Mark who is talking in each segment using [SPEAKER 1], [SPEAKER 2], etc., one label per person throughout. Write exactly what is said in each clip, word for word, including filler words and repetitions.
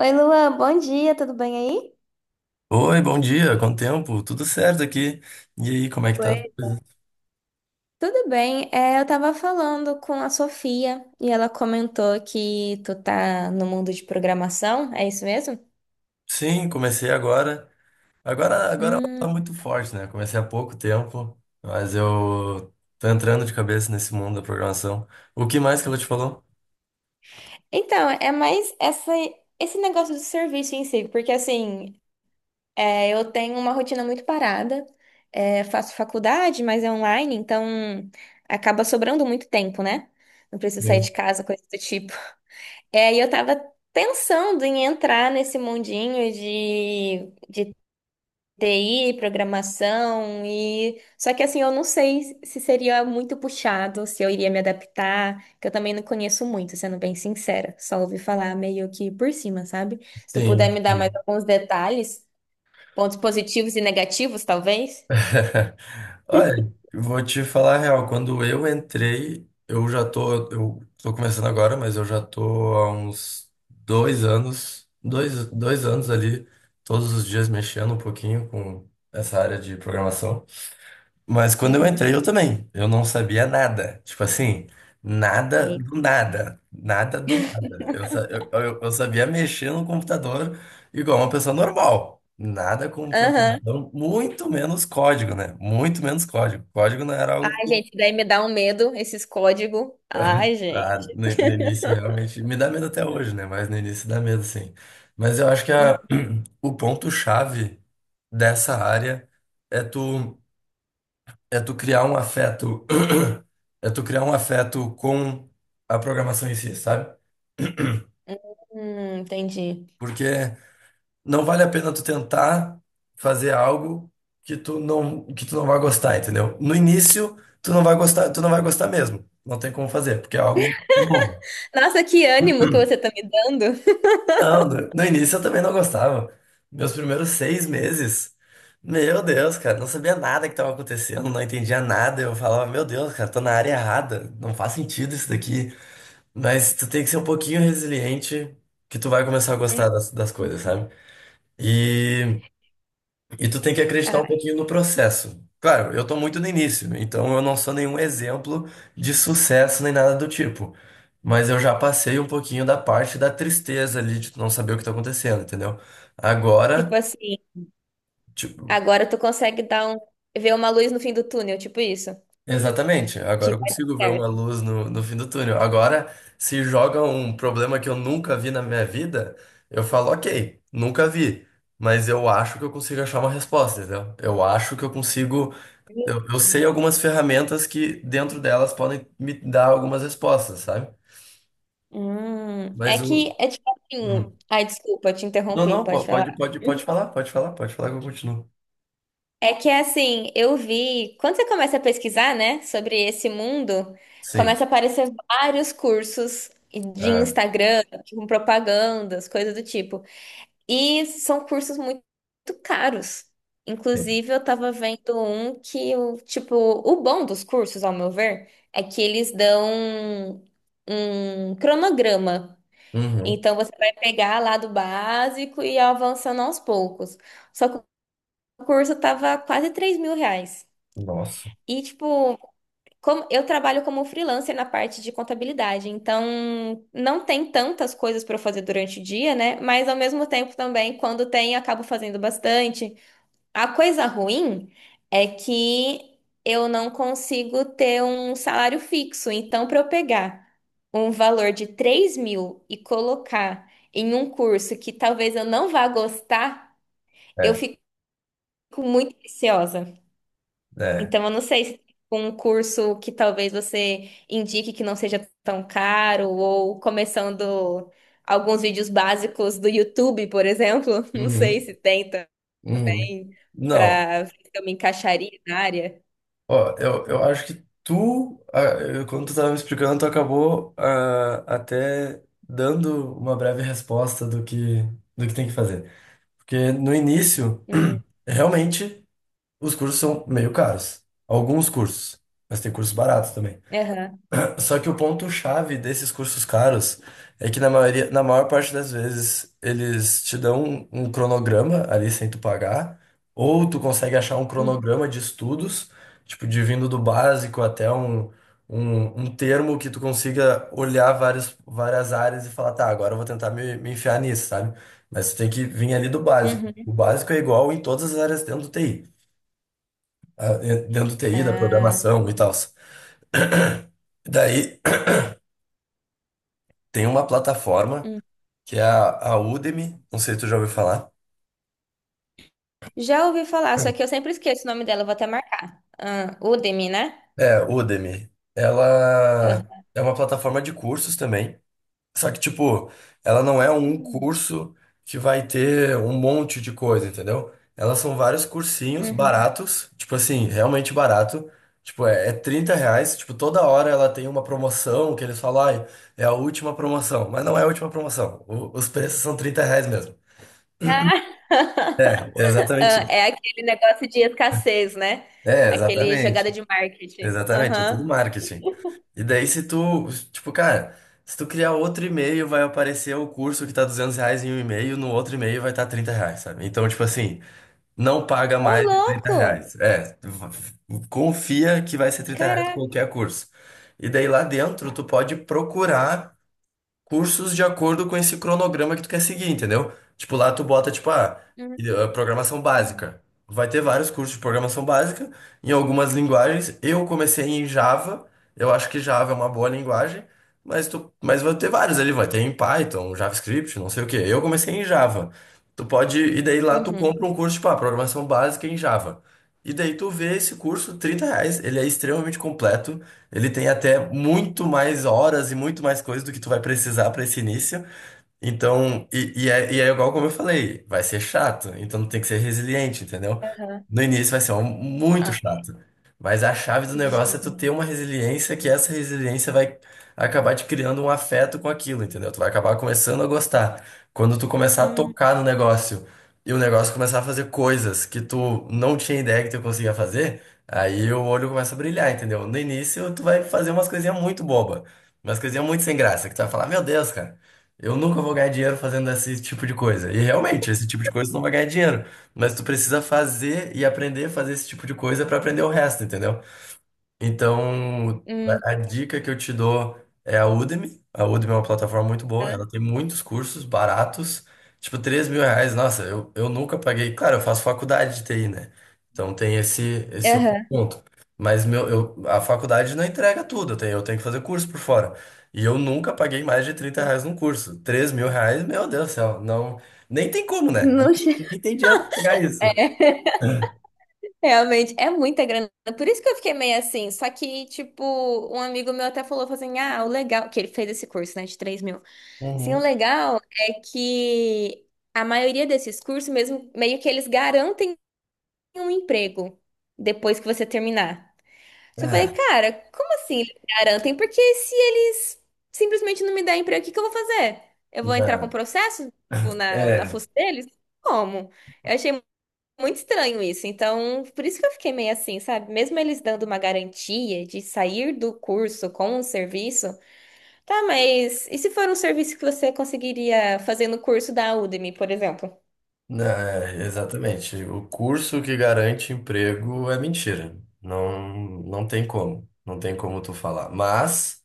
[SPEAKER 1] Oi, Luan, bom dia, tudo bem aí?
[SPEAKER 2] Oi, bom dia, quanto tempo? Tudo certo aqui. E aí, como é que tá as
[SPEAKER 1] Oi,
[SPEAKER 2] coisas?
[SPEAKER 1] tudo bem? É, eu tava falando com a Sofia e ela comentou que tu tá no mundo de programação, é isso mesmo?
[SPEAKER 2] Sim, comecei agora. Agora, agora tá
[SPEAKER 1] Hum.
[SPEAKER 2] muito forte, né? Comecei há pouco tempo, mas eu tô entrando de cabeça nesse mundo da programação. O que mais que ela te falou?
[SPEAKER 1] Então, é mais essa, esse negócio do serviço em si, porque assim, é, eu tenho uma rotina muito parada, é, faço faculdade, mas é online, então acaba sobrando muito tempo, né? Não preciso sair
[SPEAKER 2] Sim.
[SPEAKER 1] de casa, coisa do tipo. É, e eu tava pensando em entrar nesse mundinho de, de T I, programação, e só que assim, eu não sei se seria muito puxado, se eu iria me adaptar, que eu também não conheço muito, sendo bem sincera, só ouvi falar meio que por cima, sabe? Se tu puder me
[SPEAKER 2] Sim.
[SPEAKER 1] dar mais alguns detalhes, pontos positivos e negativos, talvez.
[SPEAKER 2] Olha, vou te falar a real. Quando eu entrei, eu já tô. Eu tô começando agora, mas eu já tô há uns dois anos, dois, dois anos ali, todos os dias mexendo um pouquinho com essa área de programação. Mas quando eu entrei,
[SPEAKER 1] Uhum.
[SPEAKER 2] eu também. Eu não sabia nada. Tipo assim, nada
[SPEAKER 1] Eita.
[SPEAKER 2] do nada. Nada do nada. Eu, sa- eu, eu eu sabia mexer no computador igual uma pessoa normal. Nada com
[SPEAKER 1] Aham.
[SPEAKER 2] programação, muito menos código, né? Muito menos código. Código não era algo
[SPEAKER 1] Ai,
[SPEAKER 2] que.
[SPEAKER 1] gente, daí me dá um medo esses códigos. Ai,
[SPEAKER 2] ah,
[SPEAKER 1] gente.
[SPEAKER 2] no, no início realmente me dá medo até hoje, né? Mas no início dá medo, sim. Mas eu acho que a- o ponto-chave dessa área é tu. É tu criar um afeto, é tu criar um afeto com a programação em si, sabe?
[SPEAKER 1] Hum, entendi.
[SPEAKER 2] Porque não vale a pena tu tentar fazer algo que tu não, que tu não vai gostar, entendeu? No início, tu não vai gostar, tu não vai gostar mesmo. Não tem como fazer, porque é algo novo.
[SPEAKER 1] Nossa, que ânimo que você tá me dando.
[SPEAKER 2] Não, no, no início eu também não gostava. Meus primeiros seis meses, meu Deus, cara, não sabia nada que estava acontecendo, não entendia nada. Eu falava, meu Deus, cara, tô na área errada, não faz sentido isso daqui. Mas tu tem que ser um pouquinho resiliente que tu vai começar a
[SPEAKER 1] Hum.
[SPEAKER 2] gostar das, das coisas, sabe? E, e tu tem que acreditar um pouquinho no processo. Claro, eu tô muito no início, então eu não sou nenhum exemplo de sucesso nem nada do tipo. Mas eu já passei um pouquinho da parte da tristeza ali de tu não saber o que tá acontecendo, entendeu?
[SPEAKER 1] Tipo
[SPEAKER 2] Agora,
[SPEAKER 1] assim,
[SPEAKER 2] ti-
[SPEAKER 1] agora tu consegue dar um, ver uma luz no fim do túnel, tipo isso.
[SPEAKER 2] exatamente.
[SPEAKER 1] Que
[SPEAKER 2] Agora eu
[SPEAKER 1] vai
[SPEAKER 2] consigo ver
[SPEAKER 1] dar
[SPEAKER 2] uma luz no, no fim do túnel. Agora, se joga um problema que eu nunca vi na minha vida, eu falo, ok, nunca vi. Mas eu acho que eu consigo achar uma resposta, entendeu? Eu acho que eu consigo. Eu, eu sei
[SPEAKER 1] certo.
[SPEAKER 2] algumas ferramentas que dentro delas podem me dar algumas respostas, sabe?
[SPEAKER 1] Hum, é
[SPEAKER 2] Mas o.
[SPEAKER 1] que é tipo
[SPEAKER 2] Hum.
[SPEAKER 1] assim. Ai, desculpa, te
[SPEAKER 2] Não,
[SPEAKER 1] interrompi,
[SPEAKER 2] não, po-
[SPEAKER 1] pode
[SPEAKER 2] pode,
[SPEAKER 1] falar.
[SPEAKER 2] pode, pode falar, pode falar, pode falar que eu continuo.
[SPEAKER 1] É que assim, eu vi. Quando você começa a pesquisar, né, sobre esse mundo,
[SPEAKER 2] Sim.
[SPEAKER 1] começa a aparecer vários cursos de
[SPEAKER 2] Ah,
[SPEAKER 1] Instagram, com propagandas, coisas do tipo. E são cursos muito, muito caros.
[SPEAKER 2] sim.
[SPEAKER 1] Inclusive, eu tava vendo um que, o tipo, o bom dos cursos, ao meu ver, é que eles dão um cronograma.
[SPEAKER 2] Uhum.
[SPEAKER 1] Então você vai pegar lá do básico e avançando aos poucos. Só que o curso tava quase três mil reais.
[SPEAKER 2] Nossa.
[SPEAKER 1] E tipo, como eu trabalho como freelancer na parte de contabilidade, então não tem tantas coisas para fazer durante o dia, né? Mas ao mesmo tempo também, quando tem, eu acabo fazendo bastante. A coisa ruim é que eu não consigo ter um salário fixo. Então, para eu pegar um valor de três mil e colocar em um curso que talvez eu não vá gostar, eu
[SPEAKER 2] É,
[SPEAKER 1] fico muito receosa.
[SPEAKER 2] é.
[SPEAKER 1] Então, eu não sei se com um curso que talvez você indique que não seja tão caro, ou começando alguns vídeos básicos do YouTube, por exemplo. Não sei
[SPEAKER 2] Uhum.
[SPEAKER 1] se tem também,
[SPEAKER 2] Uhum. Não.
[SPEAKER 1] para ver se eu me encaixaria na área.
[SPEAKER 2] Ó, eu, eu acho que tu, ah, eu- quando tu tava me explicando, tu acabou ah, até dando uma breve resposta do que, do que, tem que fazer. Porque no início,
[SPEAKER 1] Hum,
[SPEAKER 2] realmente, os cursos são meio caros. Alguns cursos, mas tem cursos baratos também.
[SPEAKER 1] aham,
[SPEAKER 2] Só que o ponto-chave desses cursos caros é que na maioria, na maior parte das vezes eles te dão um, um, cronograma ali sem tu pagar, ou tu consegue achar um
[SPEAKER 1] hum,
[SPEAKER 2] cronograma de estudos, tipo, de vindo do básico até um, um, um termo que tu consiga olhar várias, várias áreas e falar, tá, agora eu vou tentar me, me enfiar nisso, sabe? Mas tu tem que vir ali do básico. O
[SPEAKER 1] uhum,
[SPEAKER 2] básico é igual em todas as áreas dentro do T I, ah, eh, dentro do T I, da
[SPEAKER 1] ah,
[SPEAKER 2] programação e tal. Daí tem uma plataforma
[SPEAKER 1] hum.
[SPEAKER 2] que é a, a Udemy, não sei se tu já ouviu falar.
[SPEAKER 1] Já ouvi falar, só que eu sempre esqueço o nome dela, eu vou até marcar. Ah, Udemy, né?
[SPEAKER 2] É, Udemy. Ela
[SPEAKER 1] Aham.
[SPEAKER 2] é uma plataforma de cursos também. Só que, tipo, ela não é um
[SPEAKER 1] Hum,
[SPEAKER 2] curso que vai ter um monte de coisa, entendeu? Elas são vários cursinhos
[SPEAKER 1] uhum.
[SPEAKER 2] baratos, tipo assim, realmente barato. Tipo, é, é trinta reais. Tipo, toda hora ela tem uma promoção que eles falam, ai, é a última promoção. Mas não é a última promoção. O- os preços são trinta reais mesmo. É, exatamente
[SPEAKER 1] Ah,
[SPEAKER 2] isso.
[SPEAKER 1] é aquele negócio de escassez, né?
[SPEAKER 2] É,
[SPEAKER 1] Aquele
[SPEAKER 2] exatamente.
[SPEAKER 1] jogada de marketing.
[SPEAKER 2] Exatamente, é tudo
[SPEAKER 1] Aham.
[SPEAKER 2] marketing. E daí se tu, tipo, cara, se tu criar outro e-mail, vai aparecer o curso que tá duzentos reais em um e-mail, no outro e-mail vai estar tá trinta reais, sabe? Então, tipo assim, não paga
[SPEAKER 1] Ô,
[SPEAKER 2] mais de trinta
[SPEAKER 1] louco!
[SPEAKER 2] reais. É, v- confia que vai ser trinta reais
[SPEAKER 1] Caraca!
[SPEAKER 2] qualquer curso. E daí lá dentro, tu pode procurar cursos de acordo com esse cronograma que tu quer seguir, entendeu? Tipo, lá tu bota, tipo, ah,
[SPEAKER 1] Uhum,
[SPEAKER 2] e- ah, programação básica. Vai ter vários cursos de programação básica em algumas linguagens. Eu comecei em Java, eu acho que Java é uma boa linguagem, mas tu, mas vai ter vários ali, vai ter em Python, JavaScript, não sei o quê. Eu comecei em Java. Tu pode, e daí lá tu
[SPEAKER 1] uhum,
[SPEAKER 2] compra um curso, tipo, ah, programação básica em Java. E daí tu vê esse curso, trinta reais, ele é extremamente completo, ele tem até muito mais horas e muito mais coisas do que tu vai precisar para esse início. Então, e, e, é, e é igual como eu falei, vai ser chato, então tem que ser resiliente, entendeu?
[SPEAKER 1] aham.
[SPEAKER 2] No início vai ser um- muito
[SPEAKER 1] Ah,
[SPEAKER 2] chato, mas a chave do negócio
[SPEAKER 1] gente.
[SPEAKER 2] é tu ter uma resiliência que essa resiliência vai acabar te criando um afeto com aquilo, entendeu? Tu vai acabar começando a gostar. Quando tu começar a
[SPEAKER 1] Hum,
[SPEAKER 2] tocar no negócio e o negócio começar a fazer coisas que tu não tinha ideia que tu conseguia fazer, aí o olho começa a brilhar, entendeu? No início tu vai fazer umas coisinhas muito bobas umas coisinhas muito sem graça, que tu vai falar, meu Deus, cara. Eu nunca vou ganhar dinheiro fazendo esse tipo de coisa. E realmente, esse tipo de coisa tu não vai ganhar dinheiro. Mas tu precisa fazer e aprender a fazer esse tipo de coisa pra aprender o resto, entendeu? Então,
[SPEAKER 1] hum,
[SPEAKER 2] a a dica que eu te dou é a Udemy. A Udemy é uma plataforma muito boa,
[SPEAKER 1] aham.
[SPEAKER 2] ela tem muitos cursos baratos, tipo três mil reais. Nossa, eu, eu nunca paguei. Claro, eu faço faculdade de T I, né? Então tem esse, esse outro
[SPEAKER 1] Aham.
[SPEAKER 2] ponto. Mas meu, eu, a faculdade não entrega tudo, eu tenho, eu tenho que fazer curso por fora. E eu nunca paguei mais de trinta reais num curso. Três mil reais, meu Deus do céu, não, nem tem como, né?
[SPEAKER 1] Não che-
[SPEAKER 2] Nem tem dinheiro pra pagar isso.
[SPEAKER 1] É. Realmente, é muita grana. Por isso que eu fiquei meio assim. Só que, tipo, um amigo meu até falou, falou assim: ah, o legal, que ele fez esse curso, né, de três mil. Sim, o
[SPEAKER 2] Uhum.
[SPEAKER 1] legal é que a maioria desses cursos, mesmo, meio que eles garantem um emprego depois que você terminar. Só eu falei,
[SPEAKER 2] Ah,
[SPEAKER 1] cara, como assim eles garantem? Porque se eles simplesmente não me derem emprego, o que que eu vou fazer? Eu vou entrar com
[SPEAKER 2] não.
[SPEAKER 1] processo, tipo, na, na
[SPEAKER 2] É.
[SPEAKER 1] fuça deles? Como? Eu achei muito estranho isso. Então, por isso que eu fiquei meio assim, sabe? Mesmo eles dando uma garantia de sair do curso com um serviço, tá, mas e se for um serviço que você conseguiria fazer no curso da Udemy, por exemplo?
[SPEAKER 2] Não, é, exatamente. O curso que garante emprego é mentira. Não, não tem como. Não tem como tu falar. Mas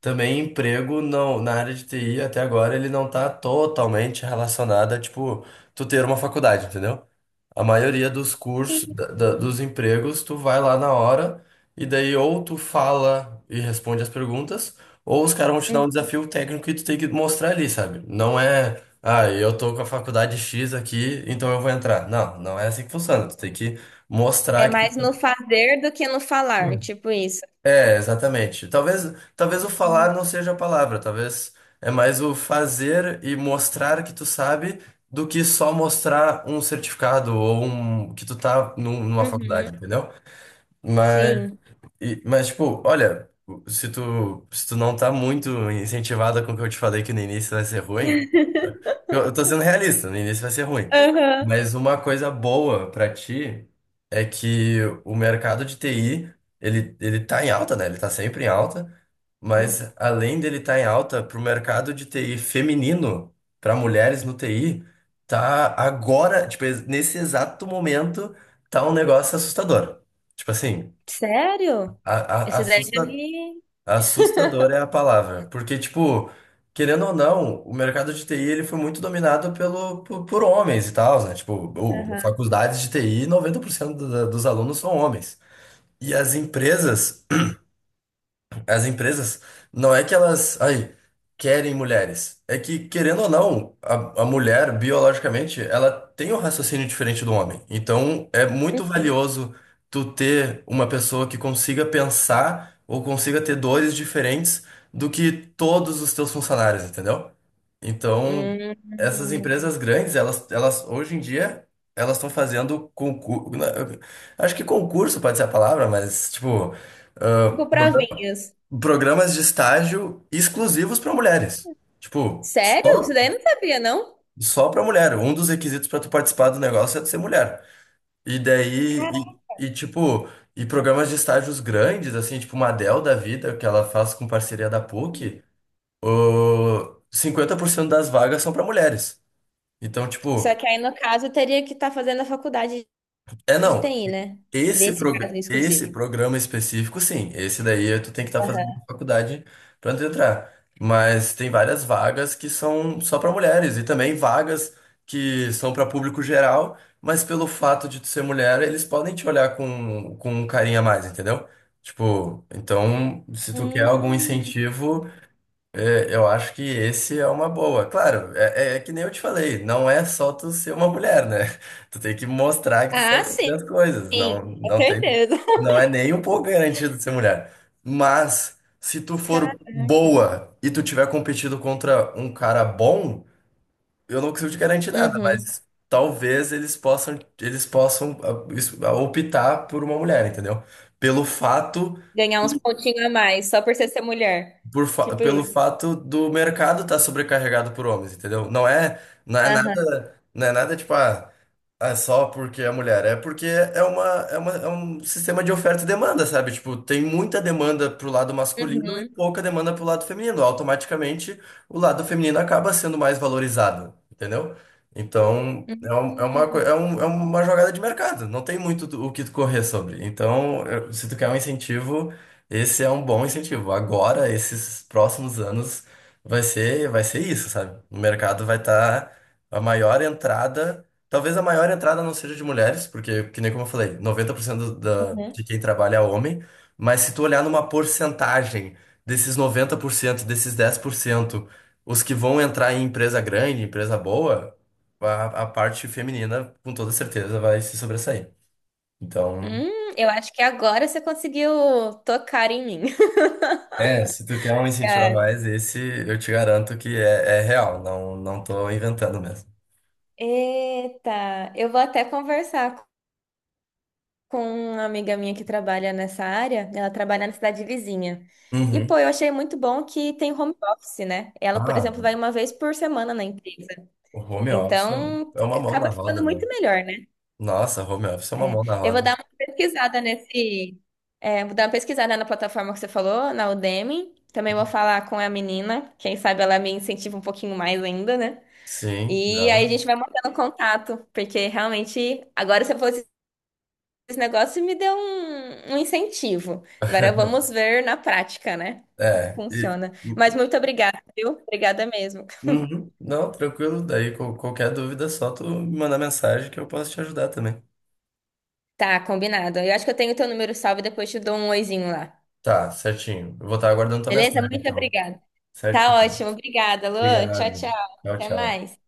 [SPEAKER 2] também emprego não, na área de T I até agora ele não tá totalmente relacionado a, tipo, tu ter uma faculdade, entendeu? A maioria dos cursos, da- da- dos empregos, tu vai lá na hora e daí ou tu fala e responde as perguntas, ou os caras vão te dar um
[SPEAKER 1] Hum.
[SPEAKER 2] desafio técnico e tu tem que mostrar ali, sabe? Não é, ah, eu tô com a faculdade X aqui, então eu vou entrar. Não, não é assim que funciona. Tu tem que mostrar
[SPEAKER 1] É
[SPEAKER 2] que
[SPEAKER 1] mais no fazer do que no falar, tipo isso.
[SPEAKER 2] é, exatamente. Talvez, talvez o
[SPEAKER 1] Uhum.
[SPEAKER 2] falar não seja a palavra, talvez é mais o fazer e mostrar que tu sabe do que só mostrar um certificado ou um, que tu tá num- numa
[SPEAKER 1] Uhum.
[SPEAKER 2] faculdade, entendeu? Mas
[SPEAKER 1] Sim.
[SPEAKER 2] e- mas, tipo, olha, se tu, se tu não tá muito incentivada com o que eu te falei que no início vai ser ruim, tá? Eu, eu tô sendo realista, no início vai ser ruim.
[SPEAKER 1] Aham.
[SPEAKER 2] Mas uma coisa boa pra ti é que o mercado de T I, ele, ele tá em alta, né? Ele tá sempre em alta,
[SPEAKER 1] Uhum.
[SPEAKER 2] mas além dele tá em alta, pro mercado de T I feminino, pra mulheres no T I, tá agora, tipo, nesse exato momento, tá um negócio assustador. Tipo assim.
[SPEAKER 1] Sério?
[SPEAKER 2] A- a-
[SPEAKER 1] Esse ideia já
[SPEAKER 2] assusta-
[SPEAKER 1] me.
[SPEAKER 2] assustadora é a palavra, porque, tipo, querendo ou não, o mercado de T I ele foi muito dominado pelo, por, por homens e tal, né? Tipo, o,
[SPEAKER 1] Aham.
[SPEAKER 2] faculdades de T I, noventa por cento do- dos alunos são homens. E as empresas,
[SPEAKER 1] É.
[SPEAKER 2] as empresas, não é que elas, ai querem mulheres. É que, querendo ou não, a, a mulher, biologicamente, ela tem um raciocínio diferente do homem. Então, é muito
[SPEAKER 1] Uhum.
[SPEAKER 2] valioso tu ter uma pessoa que consiga pensar ou consiga ter dores diferentes do que todos os teus funcionários, entendeu? Então, essas
[SPEAKER 1] Hum.
[SPEAKER 2] empresas grandes, elas, elas hoje em dia, elas estão fazendo concurso. Acho que concurso pode ser a palavra, mas, tipo
[SPEAKER 1] Tipo provinhas.
[SPEAKER 2] programas de estágio exclusivos para mulheres. Tipo,
[SPEAKER 1] Sério?
[SPEAKER 2] só,
[SPEAKER 1] Isso daí eu não sabia, não?
[SPEAKER 2] só para mulher. Um dos requisitos para tu participar do negócio é tu ser mulher. E daí, e, e, tipo, e programas de estágios grandes, assim, tipo uma Dell da vida, que ela faz com parceria da PUC, o cinquenta por cento das vagas são para mulheres. Então,
[SPEAKER 1] Só
[SPEAKER 2] tipo,
[SPEAKER 1] que aí, no caso, eu teria que estar fazendo a faculdade
[SPEAKER 2] é
[SPEAKER 1] de
[SPEAKER 2] não.
[SPEAKER 1] T I, né?
[SPEAKER 2] Esse,
[SPEAKER 1] Desse caso
[SPEAKER 2] prog... esse
[SPEAKER 1] exclusivo.
[SPEAKER 2] programa específico, sim. Esse daí tu tem que estar fazendo
[SPEAKER 1] Aham.
[SPEAKER 2] faculdade para entrar. Mas tem várias vagas que são só para mulheres e também vagas que são para público geral, mas pelo fato de tu ser mulher, eles podem te olhar com, com, um carinho a mais, entendeu? Tipo, então, se tu quer
[SPEAKER 1] Hum.
[SPEAKER 2] algum incentivo, é, eu acho que esse é uma boa. Claro, é, é é que nem eu te falei, não é só tu ser uma mulher, né? Tu tem que mostrar que tu
[SPEAKER 1] Ah,
[SPEAKER 2] sabe
[SPEAKER 1] sim,
[SPEAKER 2] fazer as coisas. Não,
[SPEAKER 1] com
[SPEAKER 2] não tem,
[SPEAKER 1] certeza.
[SPEAKER 2] não é nem um pouco garantido ser mulher. Mas se tu for
[SPEAKER 1] Caraca.
[SPEAKER 2] boa e tu tiver competido contra um cara bom, eu não consigo te garantir nada,
[SPEAKER 1] Uhum.
[SPEAKER 2] mas talvez eles possam, eles possam ah, isso- ah, optar por uma mulher, entendeu? Pelo fato
[SPEAKER 1] Ganhar uns pontinhos a mais, só por você ser mulher.
[SPEAKER 2] por fa-
[SPEAKER 1] Tipo
[SPEAKER 2] pelo
[SPEAKER 1] isso.
[SPEAKER 2] fato do mercado estar sobrecarregado por homens, entendeu? Não é, não é
[SPEAKER 1] Aham.
[SPEAKER 2] nada, não é nada tipo, ah, é só porque é mulher, é porque é uma, é uma, é um sistema de oferta e demanda, sabe? Tipo, tem muita demanda pro lado masculino e
[SPEAKER 1] Uhum.
[SPEAKER 2] pouca demanda pro lado feminino. Automaticamente, o lado feminino acaba sendo mais valorizado, entendeu? Então, é, um- é uma, coi-
[SPEAKER 1] Uhum.
[SPEAKER 2] é, um- é uma jogada de mercado, não tem muito do- o que tu correr sobre. Então, eu- se tu quer um incentivo. Esse é um bom incentivo. Agora, esses próximos anos, vai ser, vai ser isso, sabe? O mercado vai estar a maior entrada. Talvez a maior entrada não seja de mulheres, porque, que nem como eu falei, noventa por cento da,
[SPEAKER 1] Uhum.
[SPEAKER 2] de quem trabalha é homem. Mas se tu olhar numa porcentagem desses noventa por cento desses dez por cento os que vão entrar em empresa grande, empresa boa, a, a parte feminina, com toda certeza, vai se sobressair. Então.
[SPEAKER 1] Hum, eu acho que agora você conseguiu tocar em mim.
[SPEAKER 2] É, se tu quer um incentivo a
[SPEAKER 1] Cara.
[SPEAKER 2] mais, esse eu te garanto que é, é real, não, não tô inventando mesmo.
[SPEAKER 1] Eita, eu vou até conversar com uma amiga minha que trabalha nessa área, ela trabalha na cidade vizinha. E,
[SPEAKER 2] Uhum.
[SPEAKER 1] pô, eu achei muito bom que tem home office, né? Ela, por
[SPEAKER 2] Ah,
[SPEAKER 1] exemplo, vai uma vez por semana na empresa.
[SPEAKER 2] o home office é
[SPEAKER 1] Então,
[SPEAKER 2] é uma mão
[SPEAKER 1] acaba
[SPEAKER 2] na
[SPEAKER 1] ficando
[SPEAKER 2] roda, né?
[SPEAKER 1] muito melhor, né?
[SPEAKER 2] Nossa, home office é uma
[SPEAKER 1] É.
[SPEAKER 2] mão na
[SPEAKER 1] Eu vou
[SPEAKER 2] roda.
[SPEAKER 1] dar uma pesquisada nesse. É, vou dar uma pesquisada na plataforma que você falou, na Udemy. Também vou falar com a menina. Quem sabe ela me incentiva um pouquinho mais ainda, né?
[SPEAKER 2] Sim,
[SPEAKER 1] E aí
[SPEAKER 2] não.
[SPEAKER 1] a gente vai mantendo contato, porque realmente agora você falou esse negócio me deu um, um incentivo. Agora vamos ver na prática, né?
[SPEAKER 2] É, e-
[SPEAKER 1] Funciona. Mas muito obrigada, viu? Obrigada mesmo.
[SPEAKER 2] Uhum. Não, tranquilo, daí qual- qualquer dúvida é só tu me mandar mensagem que eu posso te ajudar também.
[SPEAKER 1] Tá, combinado. Eu acho que eu tenho teu número salvo e depois te dou um oizinho lá.
[SPEAKER 2] Tá, certinho. Eu vou estar aguardando tua
[SPEAKER 1] Beleza?
[SPEAKER 2] mensagem,
[SPEAKER 1] Muito
[SPEAKER 2] então.
[SPEAKER 1] obrigada. Tá
[SPEAKER 2] Certinho.
[SPEAKER 1] ótimo. Obrigada, Lu. Tchau,
[SPEAKER 2] Obrigado.
[SPEAKER 1] tchau.
[SPEAKER 2] Tchau,
[SPEAKER 1] Até
[SPEAKER 2] tchau.
[SPEAKER 1] mais.